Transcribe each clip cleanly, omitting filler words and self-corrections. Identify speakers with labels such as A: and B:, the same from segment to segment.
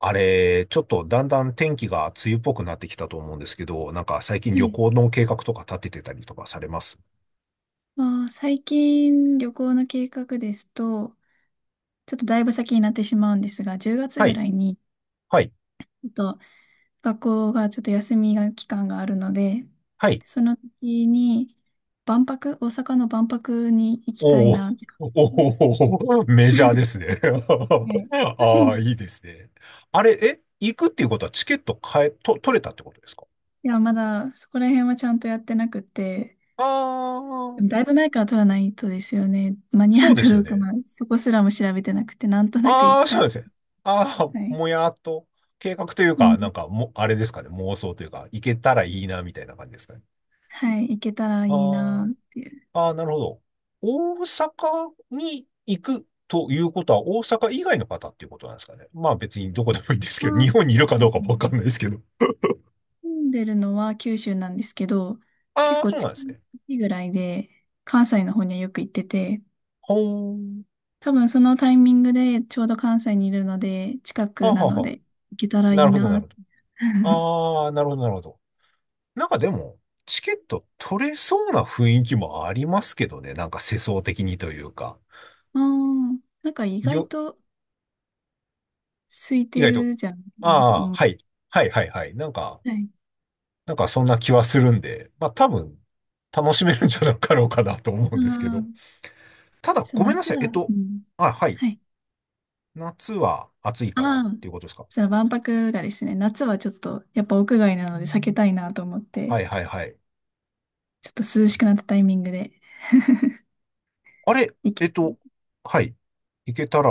A: あれ、ちょっとだんだん天気が梅雨っぽくなってきたと思うんですけど、なんか最近
B: は
A: 旅
B: い。
A: 行の計画とか立ててたりとかされます？
B: まあー、最近旅行の計画ですと、ちょっとだいぶ先になってしまうんですが、10月
A: は
B: ぐ
A: い、
B: らいに、
A: はい、
B: ちょっと学校がちょっと休みが期間があるので、
A: はい。
B: その時に万博、大阪の万博に行きたい
A: おー、
B: なって考えてま
A: おー、
B: す。
A: おーメジャーですね。
B: はい。
A: ああ、いいですね。あれ、え、行くっていうことはチケット買え、と、取れたってことですか？
B: いや、まだそこら辺はちゃんとやってなくて、
A: ああ
B: で
A: ー、
B: もだいぶ前から取らないとですよね。間に
A: そ
B: 合
A: う
B: う
A: で
B: か
A: す
B: ど
A: よ
B: うか、
A: ね。
B: まあ、そこすらも調べてなくて、なんとなく行
A: あ
B: き
A: あ、
B: た
A: そう
B: い。
A: ですね。ああ、
B: はい。
A: もやっと、計画という
B: う
A: か、な
B: ん。
A: んかも、あれですかね、妄想というか、行けたらいいな、みたいな感じですかね。
B: はい。行けたらいいな
A: ああ。
B: っていう。
A: ああ、なるほど。大阪に行くということは、大阪以外の方っていうことなんですかね。まあ別にどこでもいいんです
B: あ
A: けど、日
B: ー、
A: 本にいる
B: は
A: かど
B: い、
A: うかもわかんないですけど。
B: 住んでるのは九州なんですけど、結
A: ああ、
B: 構
A: そうなん
B: 月
A: ですね。
B: 1ぐらいで関西の方にはよく行ってて、
A: ほーん。
B: 多分そのタイミングでちょうど関西にいるので、近
A: は
B: く
A: あは
B: な
A: あ
B: の
A: は
B: で行けたら
A: あ。
B: い
A: なる
B: い
A: ほど、なる
B: な。
A: ほど。ああ、なるほど、なるほど。なんかでも、チケット取れそうな雰囲気もありますけどね。なんか世相的にというか。
B: ああ、なんか意外
A: よ、
B: と空い
A: 意
B: て
A: 外と。
B: るじゃん。
A: あ
B: なんか、う
A: あ、
B: ん。
A: はい。はい、はい、はい。なんか、
B: はい。
A: なんかそんな気はするんで、まあ多分、楽しめるんじゃなかろうかなと思う
B: あ
A: んですけど。
B: あ、
A: ただ、
B: そう、
A: ごめんな
B: 夏
A: さい。
B: は、うん。
A: あ、はい。
B: はい。
A: 夏は暑いからっ
B: ああ、
A: ていうことですか。
B: そう、万博がですね、夏はちょっと、やっぱ屋外なので避けたいなと思っ
A: は
B: て、
A: いはいはい。
B: ちょっと涼しくなったタイミングで
A: あれ、
B: 生き
A: はい。行けたら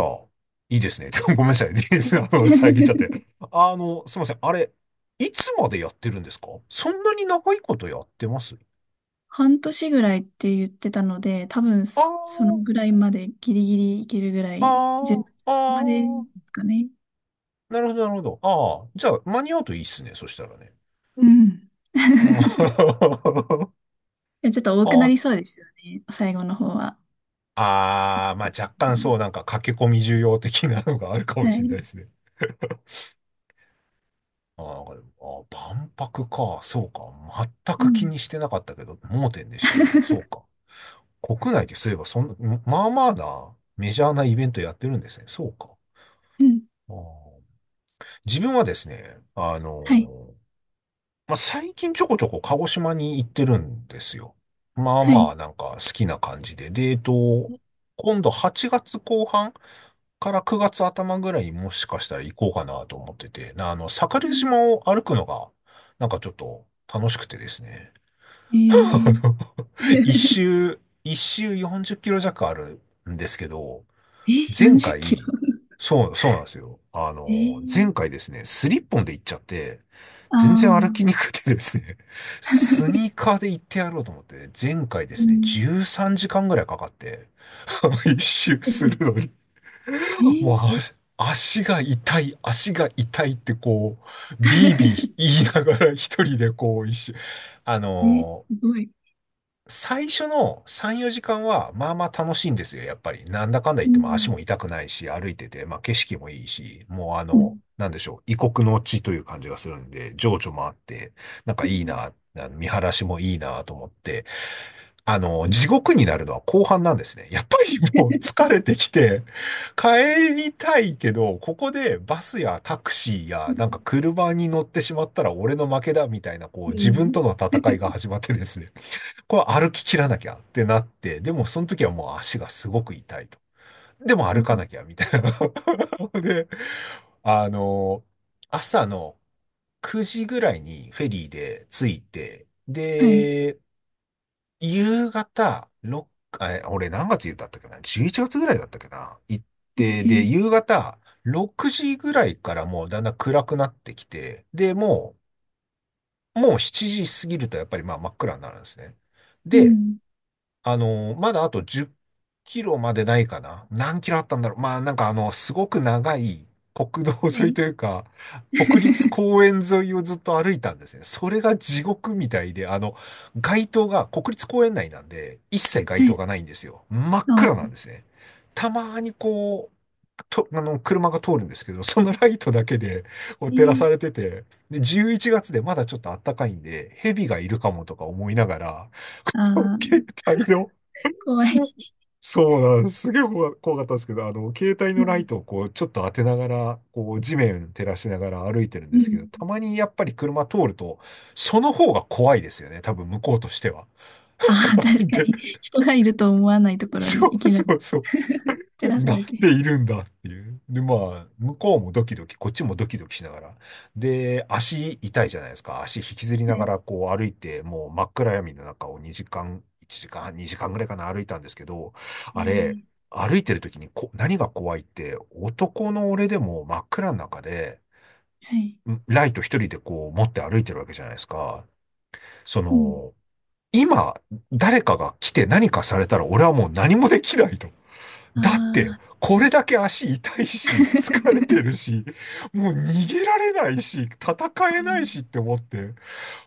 A: いいですね。ごめんなさい。遮っちゃっ て。すいません。あれ、いつまでやってるんですか？そんなに長いことやってます？
B: 半年ぐらいって言ってたので、多分
A: あ
B: その
A: ー、
B: ぐらいまでギリギリいけるぐら
A: あ
B: い、10
A: ー、
B: 月
A: あ
B: までで
A: ー、
B: すかね。
A: なるほど、なるほど。ああ、じゃあ、間に合うといいっすね。そしたらね。
B: うん。
A: あー
B: でちょっと多くな
A: あ、
B: りそうですよね、最後の方は。
A: ああ、まあ若干そう、なんか駆け込み需要的なのがあるかも
B: は
A: しれな
B: い。
A: いですね。あー、なんか、あー、万博か、そうか。全
B: う
A: く気
B: ん。
A: にしてなかったけど、盲点でしたね。そうか。国内でそういえば、そんな、まあまあな、メジャーなイベントやってるんですね。そうか。
B: うん。
A: あー、自分はですね、
B: はい。
A: まあ、最近ちょこちょこ鹿児島に行ってるんですよ。まあ
B: は
A: ま
B: い。
A: あ、なんか好きな感じで。で、今度8月後半から9月頭ぐらいもしかしたら行こうかなと思ってて、な、あの、
B: う
A: 桜
B: ん
A: 島を歩くのが、なんかちょっと楽しくてですね。
B: え
A: あ
B: ー、
A: の、一 周、一周40キロ弱あるんですけど、
B: え、
A: 前
B: 40キロ
A: 回、そう、そうなんですよ。あ
B: え
A: の、
B: ー、
A: 前回ですね、スリッポンで行っちゃって、
B: あ
A: 全然歩きにくくてですね、
B: あ
A: スニーカーで行ってやろうと思って、前回で
B: う
A: すね、
B: ん。
A: 13時間ぐらいかかって、一周
B: えっ
A: す
B: と
A: るのに、
B: え
A: もう、
B: ー
A: あ、足が痛い、足が痛いってこう、ビービー 言いながら一人でこう一周。あ
B: え、
A: のー
B: すごい。
A: 最初の3、4時間はまあまあ楽しいんですよ、やっぱり。なんだかんだ
B: う
A: 言っても足
B: ん。
A: も痛くないし、歩いてて、まあ景色もいいし、もうあ
B: う
A: の、
B: ん
A: なんでしょう、異国の地という感じがするんで、情緒もあって、なんか
B: うん。
A: いいな、あの見晴らしもいいなと思って、あの、地獄になるのは後半なんですね。やっぱりもう疲れてきて、帰りたいけど、ここでバスやタクシーやなんか車に乗ってしまったら俺の負けだみたいな、こう
B: う
A: 自分
B: ん。
A: との戦いが始まってですね。これ歩き切らなきゃってなって、でもその時はもう足がすごく痛いと。でも
B: う
A: 歩か
B: ん
A: なきゃみたいな。で、あの、朝の9時ぐらいにフェリーで着いて、
B: はい。
A: で、夕方、6、あ、え、俺何月だったっけな？ 11 月ぐらいだったっけな、行っ
B: え
A: て、で、
B: ー、
A: 夕方、6時ぐらいからもうだんだん暗くなってきて、で、もう7時過ぎるとやっぱりまあ真っ暗になるんですね。
B: う
A: で、
B: ん。
A: あの、まだあと10キロまでないかな。何キロあったんだろう。まあなんかあの、すごく長い国道
B: は
A: 沿い
B: い。
A: というか、国立 公園沿いをずっと歩いたんですね。それが地獄みたいで、あの、街灯が、国立公園内なんで、一切街
B: は
A: 灯が
B: い。
A: ないんですよ。真っ暗なん
B: そ
A: ですね。たまにこう、あの、車が通るんですけど、そのライトだけでこ
B: う
A: う照らさ
B: ね。
A: れてて、で、11月でまだちょっと暖かいんで、蛇がいるかもとか思いながら、
B: あ ー、
A: 携帯の、
B: 怖い。
A: そうなんです。すげえ怖かったんですけど、あの、携帯
B: う
A: のライ
B: ん。
A: トをこう、ちょっと当てながら、こう、地面照らしながら歩いてるん
B: う
A: ですけど、
B: ん。
A: たまにやっぱり車通ると、その方が怖いですよね。多分、向こうとしては。
B: ああ、確か
A: で、
B: に。人がいると思わないところに
A: そ
B: い
A: う
B: きな
A: そ
B: り
A: うそう。
B: 照 らさ
A: なん
B: れて。
A: でいるんだっていう。で、まあ、向こうもドキドキ、こっちもドキドキしながら。で、足痛いじゃないですか。足引きずりな
B: は
A: が
B: い。
A: らこう歩いて、もう真っ暗闇の中を2時間、1時間、2時間ぐらいかな歩いたんですけど、
B: え
A: あれ、
B: ー、
A: 歩いてる時に何が怖いって、男の俺でも真っ暗の中で、
B: はい。
A: んライト一人でこう持って歩いてるわけじゃないですか。そ
B: うん。
A: の、今、誰かが来て何かされたら俺はもう何もできないと。
B: あ
A: だって、
B: あ。
A: こ
B: う
A: れ
B: ん
A: だけ足痛いし、疲 れてるし、もう逃げられないし、戦
B: あ
A: えない
B: ー
A: しって思って。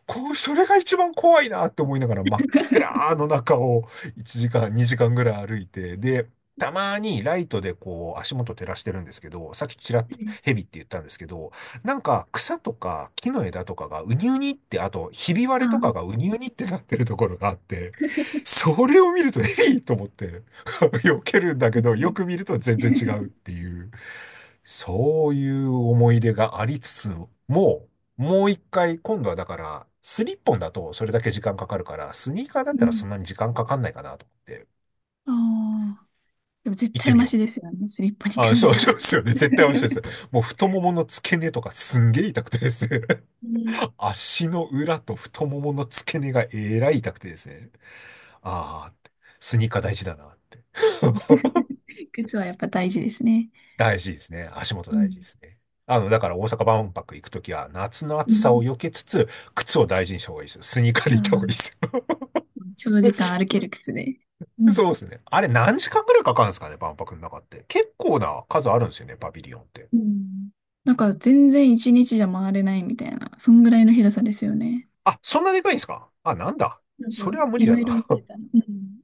A: こう、それが一番怖いなって思いながら真っ暗の中を1時間、2時間ぐらい歩いて、で、たまにライトでこう足元照らしてるんですけど、さっきちらっ
B: は
A: と
B: い
A: ヘビって言ったんですけど、なんか草とか木の枝とかがうにうにって、あとひび割
B: あ
A: れとか
B: ー、
A: がうにうにってなってるところがあって、それを見るとヘビと思って 避けるんだ
B: び
A: け
B: っ
A: ど、
B: く
A: よ
B: り。
A: く見ると全然違うっ ていう、そういう思い出がありつつも、もう一回、今度はだから、スリッポンだとそれだけ時間かかるから、スニーカーだっ
B: う
A: たら
B: ん。
A: そんなに時間かかんないかなと思って、
B: ああ。でも絶
A: 行って
B: 対
A: み
B: マ
A: よ
B: シ
A: う。
B: ですよね。スリッパに
A: あ、
B: 比
A: そ
B: べ
A: う、
B: たら。
A: そうですよね。絶対面白いです。もう太ももの付け根とかすんげえ痛くてですね。
B: ね
A: 足の裏と太ももの付け根がえらい痛くてですね。ああ、スニーカー大事だなって。
B: 靴はやっぱ大事ですね。
A: 大事ですね。足元
B: う
A: 大事で
B: ん。
A: すね。あの、だから大阪万博行くときは夏の
B: う
A: 暑さ
B: ん。
A: を避けつつ、靴を大事にした方がいいですよ。スニーカー
B: あ
A: で行った方がいい
B: ー
A: ですよ。
B: 長時間歩ける靴で。うん。
A: そうですね。あれ何時間ぐらいかかるんですかね、万博の中って。結構な数あるんですよね、パビリオンって。
B: うんなんか全然一日じゃ回れないみたいな、そんぐらいの広さですよね。
A: あ、そんなでかいんですか？あ、なんだ。
B: なんか
A: それは無
B: い
A: 理
B: ろ
A: だ
B: いろ見て
A: な。
B: たの。うん。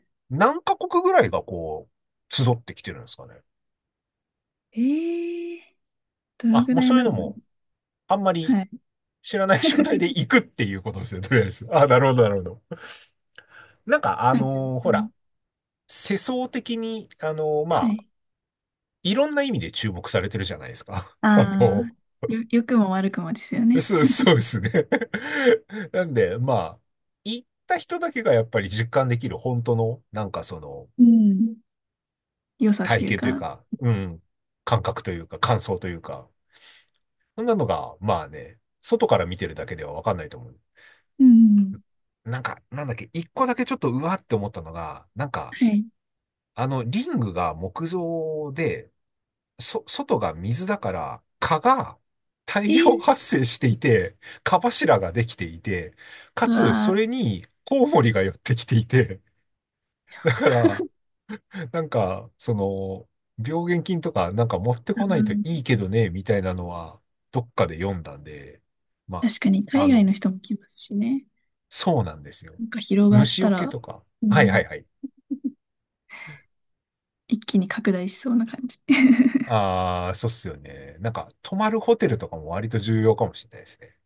A: 何カ国ぐらいがこう、集ってきてるんですかね。
B: ええどれ
A: あ、
B: ぐ
A: もう
B: らい
A: そういう
B: な
A: の
B: んだろう。
A: も、あんまり
B: はい。
A: 知らない状態で 行くっていうことですね、とりあえず。あ、なるほど、なるほど。なんか、あ
B: なんか、
A: のー
B: う
A: ほ
B: ん、
A: ら、世相的に、ま
B: は
A: あ、
B: い。
A: いろんな意味で注目されてるじゃないですか。あの
B: あ
A: ー
B: あ、良くも悪くもですよ ね。
A: そう、そうですね。なんで、まあ、行った人だけがやっぱり実感できる本当の、なんかその、
B: うん良さっ
A: 体
B: ていう
A: 験という
B: か。
A: か、うん、感覚というか、感想というか、そんなのが、まあね、外から見てるだけではわかんないと思う。
B: うん
A: なんか、なんだっけ、一個だけちょっとうわって思ったのが、なんか、
B: はい。
A: あの、リングが木造で、そ、外が水だから、蚊が
B: え
A: 大量
B: ー、
A: 発生していて、蚊柱ができていて、か
B: う
A: つ、
B: わ
A: そ
B: ー、
A: れにコウモリが寄ってきていて、だから、なんか、その、病原菌とかなんか持って
B: う
A: こないとい
B: ん、
A: いけどね、みたいなのは、どっかで読んだんで、ま、
B: 確かに
A: あ
B: 海外の
A: の、
B: 人も来ますしね。
A: そうなんですよ。
B: なんか広がっ
A: 虫
B: た
A: 除け
B: ら、
A: とか。
B: う
A: はいは
B: ん。
A: いはい。
B: 一気に拡大しそうな感じ。
A: ああ、そうっすよね。なんか、泊まるホテルとかも割と重要かもしれないですね。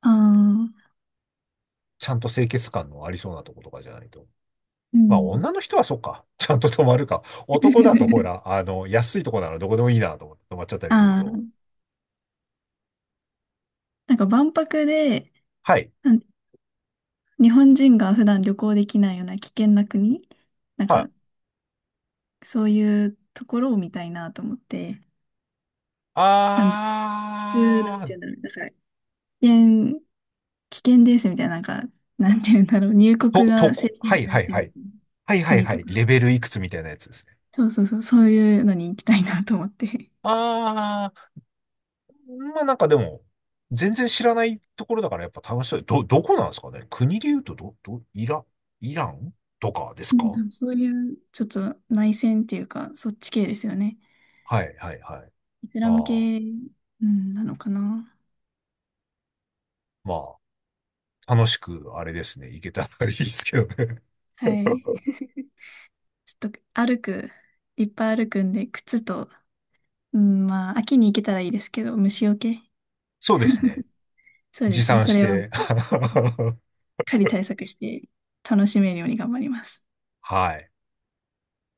B: ああ、
A: ちゃんと清潔感のありそうなとことかじゃないと。
B: う
A: まあ、
B: ん。
A: 女の人はそっか。ちゃんと泊まるか。男だと、ほ ら、あの、安いとこならどこでもいいなと思って泊まっちゃったりする
B: あ
A: と。
B: あ、なんか万博で、
A: はい。
B: なん日本人が普段旅行できないような危険な国、なん
A: は
B: か
A: い。
B: そういうところを見たいなと思って、なん普通な
A: あ
B: ん
A: ー、
B: て言うんだろう、なんか危険、危険ですみたいな、なんか、なんて言うんだろう、入国
A: と
B: が制
A: こ。は
B: 限
A: い
B: され
A: はい
B: て
A: は
B: る
A: い。はいはい
B: 国
A: は
B: と
A: い。
B: か、
A: レベルいくつみたいなやつですね。
B: そうそうそう、そういうのに行きたいなと思って。
A: あー、まあなんかでも、全然知らないところだからやっぱ楽しそう。ど、どこなんですかね、国で言うと、イラ、イランとかです
B: うん、多
A: か？
B: 分そういうちょっと内戦っていうか、そっち系ですよね。
A: はいはいはい。
B: イスラム
A: ああ、
B: 系、うん、なのかな。
A: まあ。楽しく、あれですね、いけたらいいですけどね。
B: はい。ちょっと歩く、いっぱい歩くんで、靴と、うん、まあ、秋に行けたらいいですけど、虫除け。
A: そうですね。
B: そうで
A: 持
B: すね。
A: 参
B: そ
A: し
B: れは、し
A: て。
B: っ かり対策して、楽しめるように頑張ります。
A: はい。